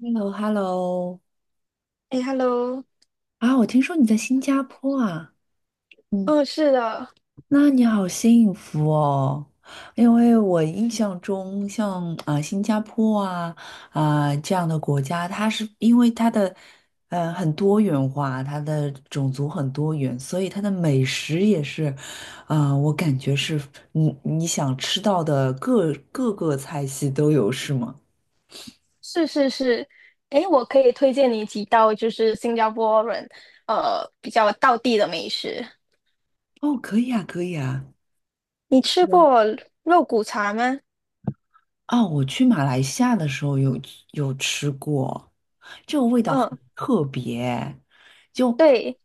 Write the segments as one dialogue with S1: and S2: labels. S1: h e l l o Hello。
S2: 哎，Hello，
S1: 啊，我听说你在新加坡啊。嗯。
S2: 嗯，是的，
S1: 那你好幸福哦，因为我印象中像啊、新加坡啊、这样的国家，它是因为它的很多元化，它的种族很多元，所以它的美食也是，啊、我感觉是你想吃到的各个菜系都有，是吗？
S2: 是是是，哎，我可以推荐你几道就是新加坡人比较道地的美食。
S1: 哦，可以啊，可以啊。
S2: 你吃过肉骨茶吗？
S1: 啊，我去马来西亚的时候有吃过，这个味道很
S2: 嗯，
S1: 特别，就
S2: 对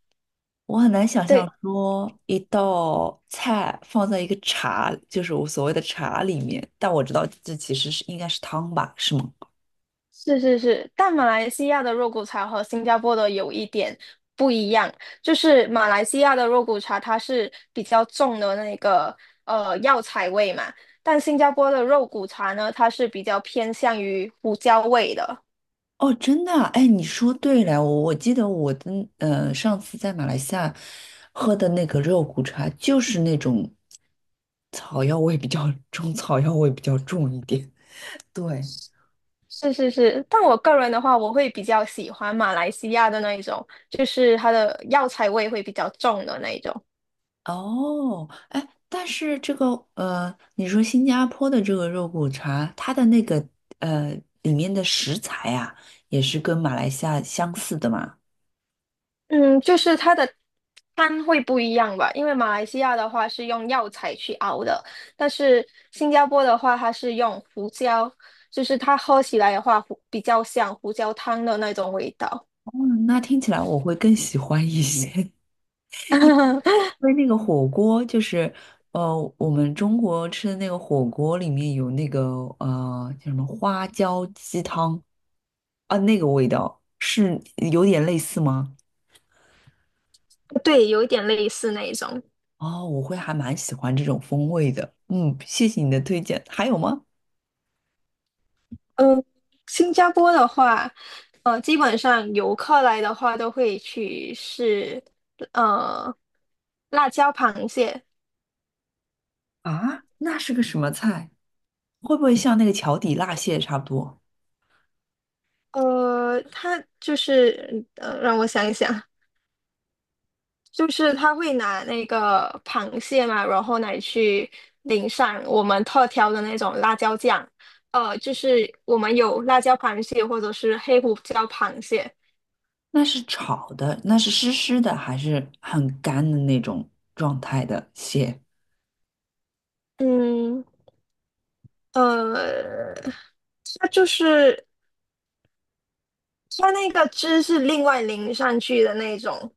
S1: 我很难想象
S2: 对，
S1: 说一道菜放在一个茶，就是我所谓的茶里面，但我知道这其实是应该是汤吧，是吗？
S2: 是是是，但马来西亚的肉骨茶和新加坡的有一点不一样，就是马来西亚的肉骨茶它是比较重的那个药材味嘛，但新加坡的肉骨茶呢，它是比较偏向于胡椒味的。
S1: 哦，真的啊，哎，你说对了，我记得我的上次在马来西亚喝的那个肉骨茶，就是那种草药味比较中草药味比较重一点，对。
S2: 是是是，但我个人的话，我会比较喜欢马来西亚的那一种，就是它的药材味会比较重的那一种。
S1: 哦，哎，但是这个你说新加坡的这个肉骨茶，它的那个呃里面的食材啊，也是跟马来西亚相似的嘛？
S2: 嗯，就是它的汤会不一样吧，因为马来西亚的话是用药材去熬的，但是新加坡的话它是用胡椒，就是它喝起来的话比较像胡椒汤的那种味道。
S1: 哦，那听起来我会更喜欢一些，因 为那个火锅就是我们中国吃的那个火锅里面有那个叫什么花椒鸡汤啊，那个味道是有点类似吗？
S2: 对，有一点类似那一种。
S1: 哦，我会还蛮喜欢这种风味的。嗯，谢谢你的推荐。还有吗？
S2: 新加坡的话，基本上游客来的话都会去试，呃，辣椒螃蟹。
S1: 啊，那是个什么菜？会不会像那个桥底辣蟹差不多？
S2: 它就是让我想一想，就是他会拿那个螃蟹嘛，然后来去淋上我们特调的那种辣椒酱。就是我们有辣椒螃蟹或者是黑胡椒螃蟹。
S1: 那是炒的，那是湿湿的，还是很干的那种状态的蟹？
S2: 嗯，呃，它就是它那个汁是另外淋上去的那种。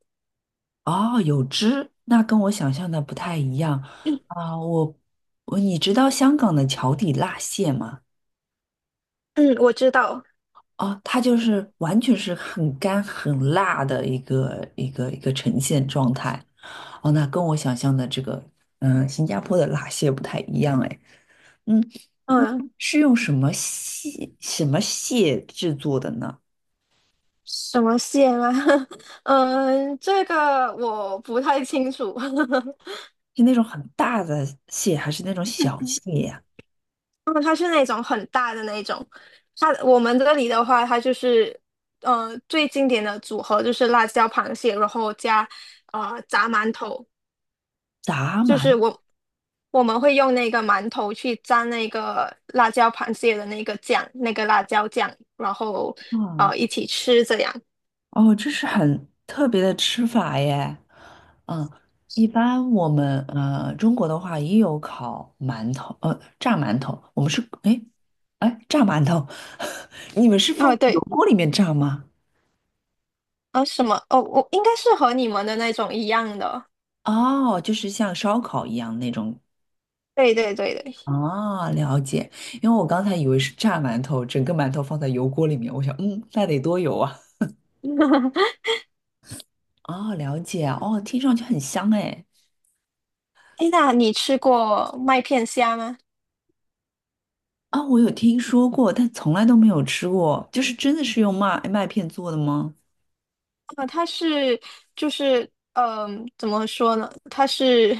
S1: 哦，有汁，那跟我想象的不太一样啊。你知道香港的桥底辣蟹吗？
S2: 嗯，我知道。
S1: 哦，它就是完全是很干很辣的一个一个一个呈现状态。哦，那跟我想象的这个，嗯，新加坡的辣蟹不太一样哎。嗯，
S2: 嗯，
S1: 是用什么蟹制作的呢？
S2: 什么蟹吗？嗯，这个我不太清楚。
S1: 是那种很大的蟹，还是那种小蟹呀、
S2: 嗯，它是那种很大的那种。它我们这里的话，它就是最经典的组合就是辣椒螃蟹，然后加炸馒头。
S1: 闸
S2: 就是
S1: 鳗
S2: 我们会用那个馒头去沾那个辣椒螃蟹的那个酱，那个辣椒酱，然后
S1: 啊？
S2: 一起吃这样。
S1: 哦，这是很特别的吃法耶。嗯，一般我们中国的话也有烤馒头，炸馒头，我们是哎炸馒头，你们是放
S2: 啊，
S1: 到油
S2: 对，
S1: 锅里面炸吗？
S2: 啊，什么？哦，我应该是和你们的那种一样的。
S1: 哦，就是像烧烤一样那种。
S2: 对对对对。
S1: 哦，了解，因为我刚才以为是炸馒头，整个馒头放在油锅里面，我想，嗯，那得多油啊。哦，了解，哦，听上去很香哎。
S2: 哎，那你吃过麦片虾吗？
S1: 啊，我有听说过，但从来都没有吃过。就是真的是用麦片做的吗？
S2: 啊，它是就是嗯、怎么说呢？它是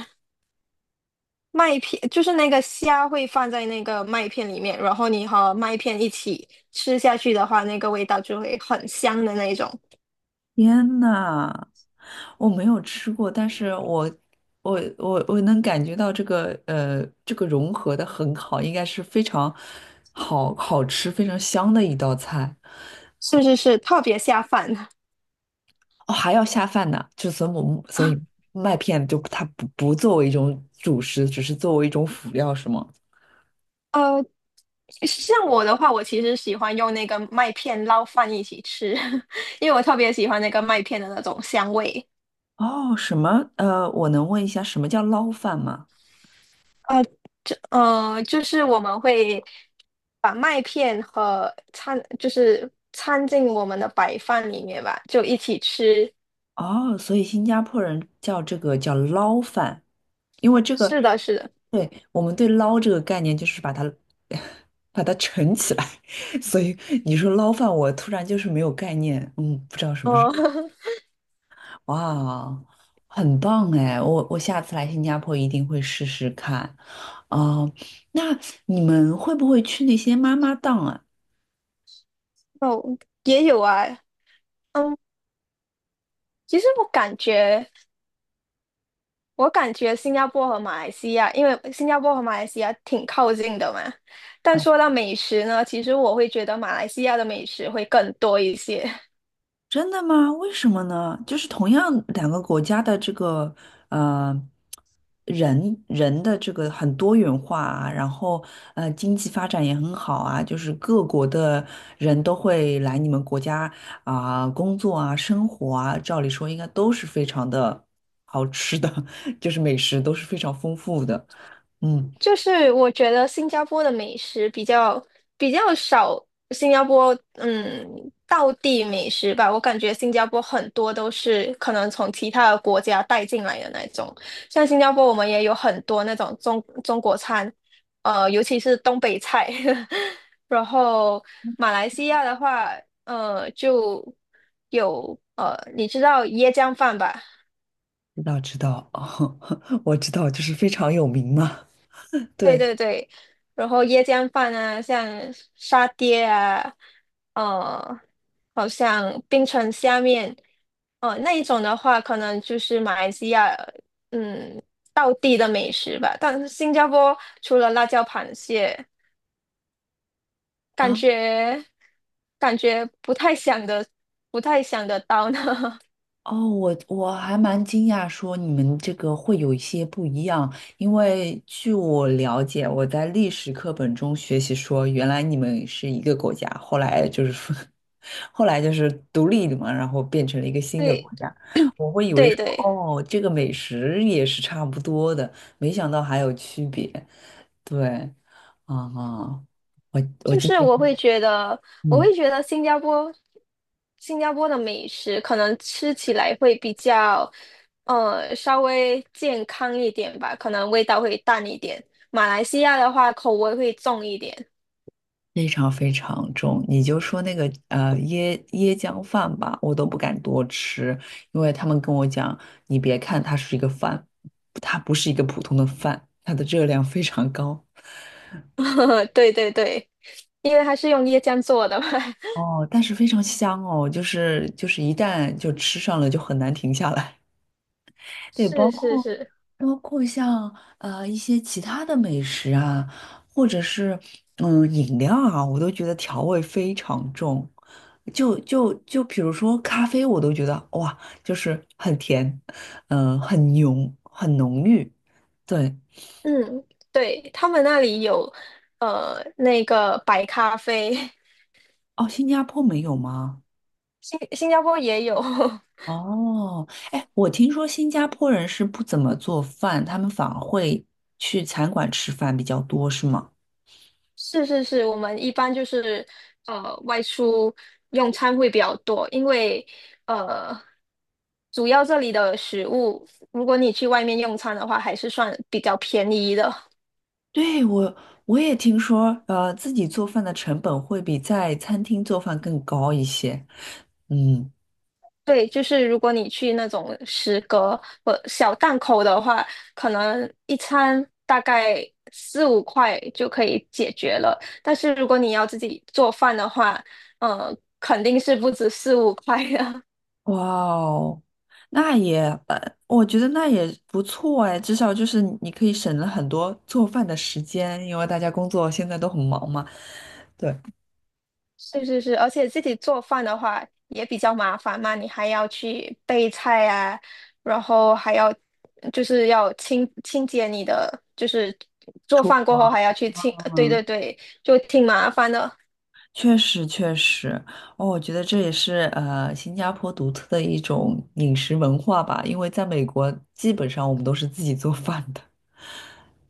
S2: 麦片，就是那个虾会放在那个麦片里面，然后你和麦片一起吃下去的话，那个味道就会很香的那一种。
S1: 天呐，我没有吃过，但是我能感觉到这个这个融合的很好，应该是非常好吃、非常香的一道菜。
S2: 是是是，特别下饭。
S1: 哦，还要下饭呢，就所以我 所以
S2: 啊。
S1: 麦片就它不作为一种主食，只是作为一种辅料，是吗？
S2: 呃，像我的话，我其实喜欢用那个麦片捞饭一起吃，因为我特别喜欢那个麦片的那种香味。
S1: 哦，我能问一下什么叫捞饭吗？
S2: 呃就是我们会把麦片和掺，就是掺进我们的白饭里面吧，就一起吃。
S1: 哦，所以新加坡人叫这个叫捞饭，因为这个，
S2: 是的，是的，
S1: 对，我们对捞这个概念就是把它 把它盛起来，所以你说捞饭，我突然就是没有概念，嗯，不知道什么是。
S2: 哦
S1: 哇，很棒哎，我下次来新加坡一定会试试看。哦，那你们会不会去那些妈妈档啊？
S2: 哦，也有啊，嗯，其实我感觉新加坡和马来西亚，因为新加坡和马来西亚挺靠近的嘛。但说到美食呢，其实我会觉得马来西亚的美食会更多一些。
S1: 真的吗？为什么呢？就是同样两个国家的这个呃人的这个很多元化啊，然后经济发展也很好啊，就是各国的人都会来你们国家啊、工作啊生活啊，照理说应该都是非常的好吃的，就是美食都是非常丰富的。嗯，
S2: 就是我觉得新加坡的美食比较少，新加坡嗯，道地美食吧，我感觉新加坡很多都是可能从其他的国家带进来的那种，像新加坡我们也有很多那种中国餐，呃，尤其是东北菜，然后马来西亚的话，呃，就有你知道椰浆饭吧？
S1: 知道知道，哦，我知道，就是非常有名嘛。
S2: 对
S1: 对。
S2: 对对，然后椰浆饭啊，像沙爹啊，呃，好像冰城虾面，哦、那一种的话，可能就是马来西亚，嗯，道地的美食吧。但是新加坡除了辣椒螃蟹，感
S1: 啊。
S2: 觉感觉不太想的，不太想得到呢。
S1: 哦，我还蛮惊讶，说你们这个会有一些不一样，因为据我了解，我在历史课本中学习说，原来你们是一个国家，后来就是说，后来就是独立了嘛，然后变成了一个 新的国
S2: 对
S1: 家。我会以为
S2: 对
S1: 说，
S2: 对。
S1: 哦，这个美食也是差不多的，没想到还有区别。对，啊、我我
S2: 就
S1: 今
S2: 是我
S1: 天。
S2: 会觉得，我
S1: 嗯。
S2: 会觉得新加坡，新加坡的美食可能吃起来会比较，呃，稍微健康一点吧，可能味道会淡一点。马来西亚的话，口味会重一点。
S1: 非常非常重，你就说那个椰浆饭吧，我都不敢多吃，因为他们跟我讲，你别看它是一个饭，它不是一个普通的饭，它的热量非常高
S2: 对对对，因为它是用椰浆做的嘛。
S1: 哦，但是非常香哦，就是一旦就吃上了就很难停下来。对，包
S2: 是是
S1: 括
S2: 是，
S1: 包括像一些其他的美食啊，或者是饮料啊，我都觉得调味非常重。就比如说咖啡，我都觉得哇，就是很甜，嗯、很浓，很浓郁。对。
S2: 嗯，对，他们那里有，那个白咖啡，
S1: 哦，新加坡没有吗？
S2: 新加坡也有。
S1: 哦，哎，我听说新加坡人是不怎么做饭，他们反而会去餐馆吃饭比较多，是吗？
S2: 是是是，我们一般就是外出用餐会比较多，因为呃主要这里的食物，如果你去外面用餐的话，还是算比较便宜的。
S1: 对，我也听说，自己做饭的成本会比在餐厅做饭更高一些。嗯，
S2: 对，就是如果你去那种食阁或小档口的话，可能一餐大概四五块就可以解决了。但是如果你要自己做饭的话，呃，肯定是不止四五块的。
S1: 哇哦，那也，我觉得那也不错哎，至少就是你可以省了很多做饭的时间，因为大家工作现在都很忙嘛。对，
S2: 是是是，而且自己做饭的话也比较麻烦嘛，你还要去备菜啊，然后还要就是要清洁你的，就是做饭过后还要去清，呃对
S1: 嗯，
S2: 对对，就挺麻烦的。
S1: 确实确实，哦，我觉得这也是新加坡独特的一种饮食文化吧，因为在美国基本上我们都是自己做饭的。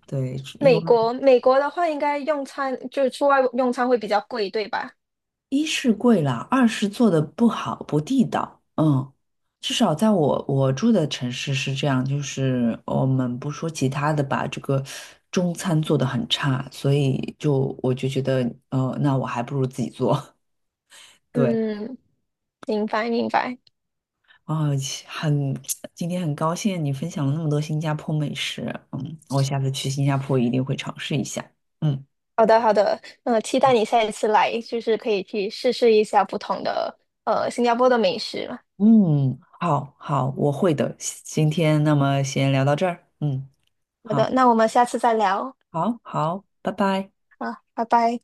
S1: 对，因为
S2: 美国的话，应该用餐就是出外用餐会比较贵，对吧？
S1: 一是贵啦，二是做的不好，不地道。嗯，至少在我住的城市是这样，就是我们不说其他的吧，这个中餐做的很差，所以就我就觉得，那我还不如自己做。对。
S2: 嗯，明白明白。
S1: 啊、很，今天很高兴你分享了那么多新加坡美食，嗯，我下次去新加坡一定会尝试一下。嗯
S2: 好的好的，期待你下一次来，就是可以去试试一下不同的新加坡的美食。
S1: 嗯，好好，我会的。今天那么先聊到这儿，嗯，
S2: 好的，
S1: 好，
S2: 那我们下次再聊。
S1: 好好，拜拜。
S2: 啊，拜拜。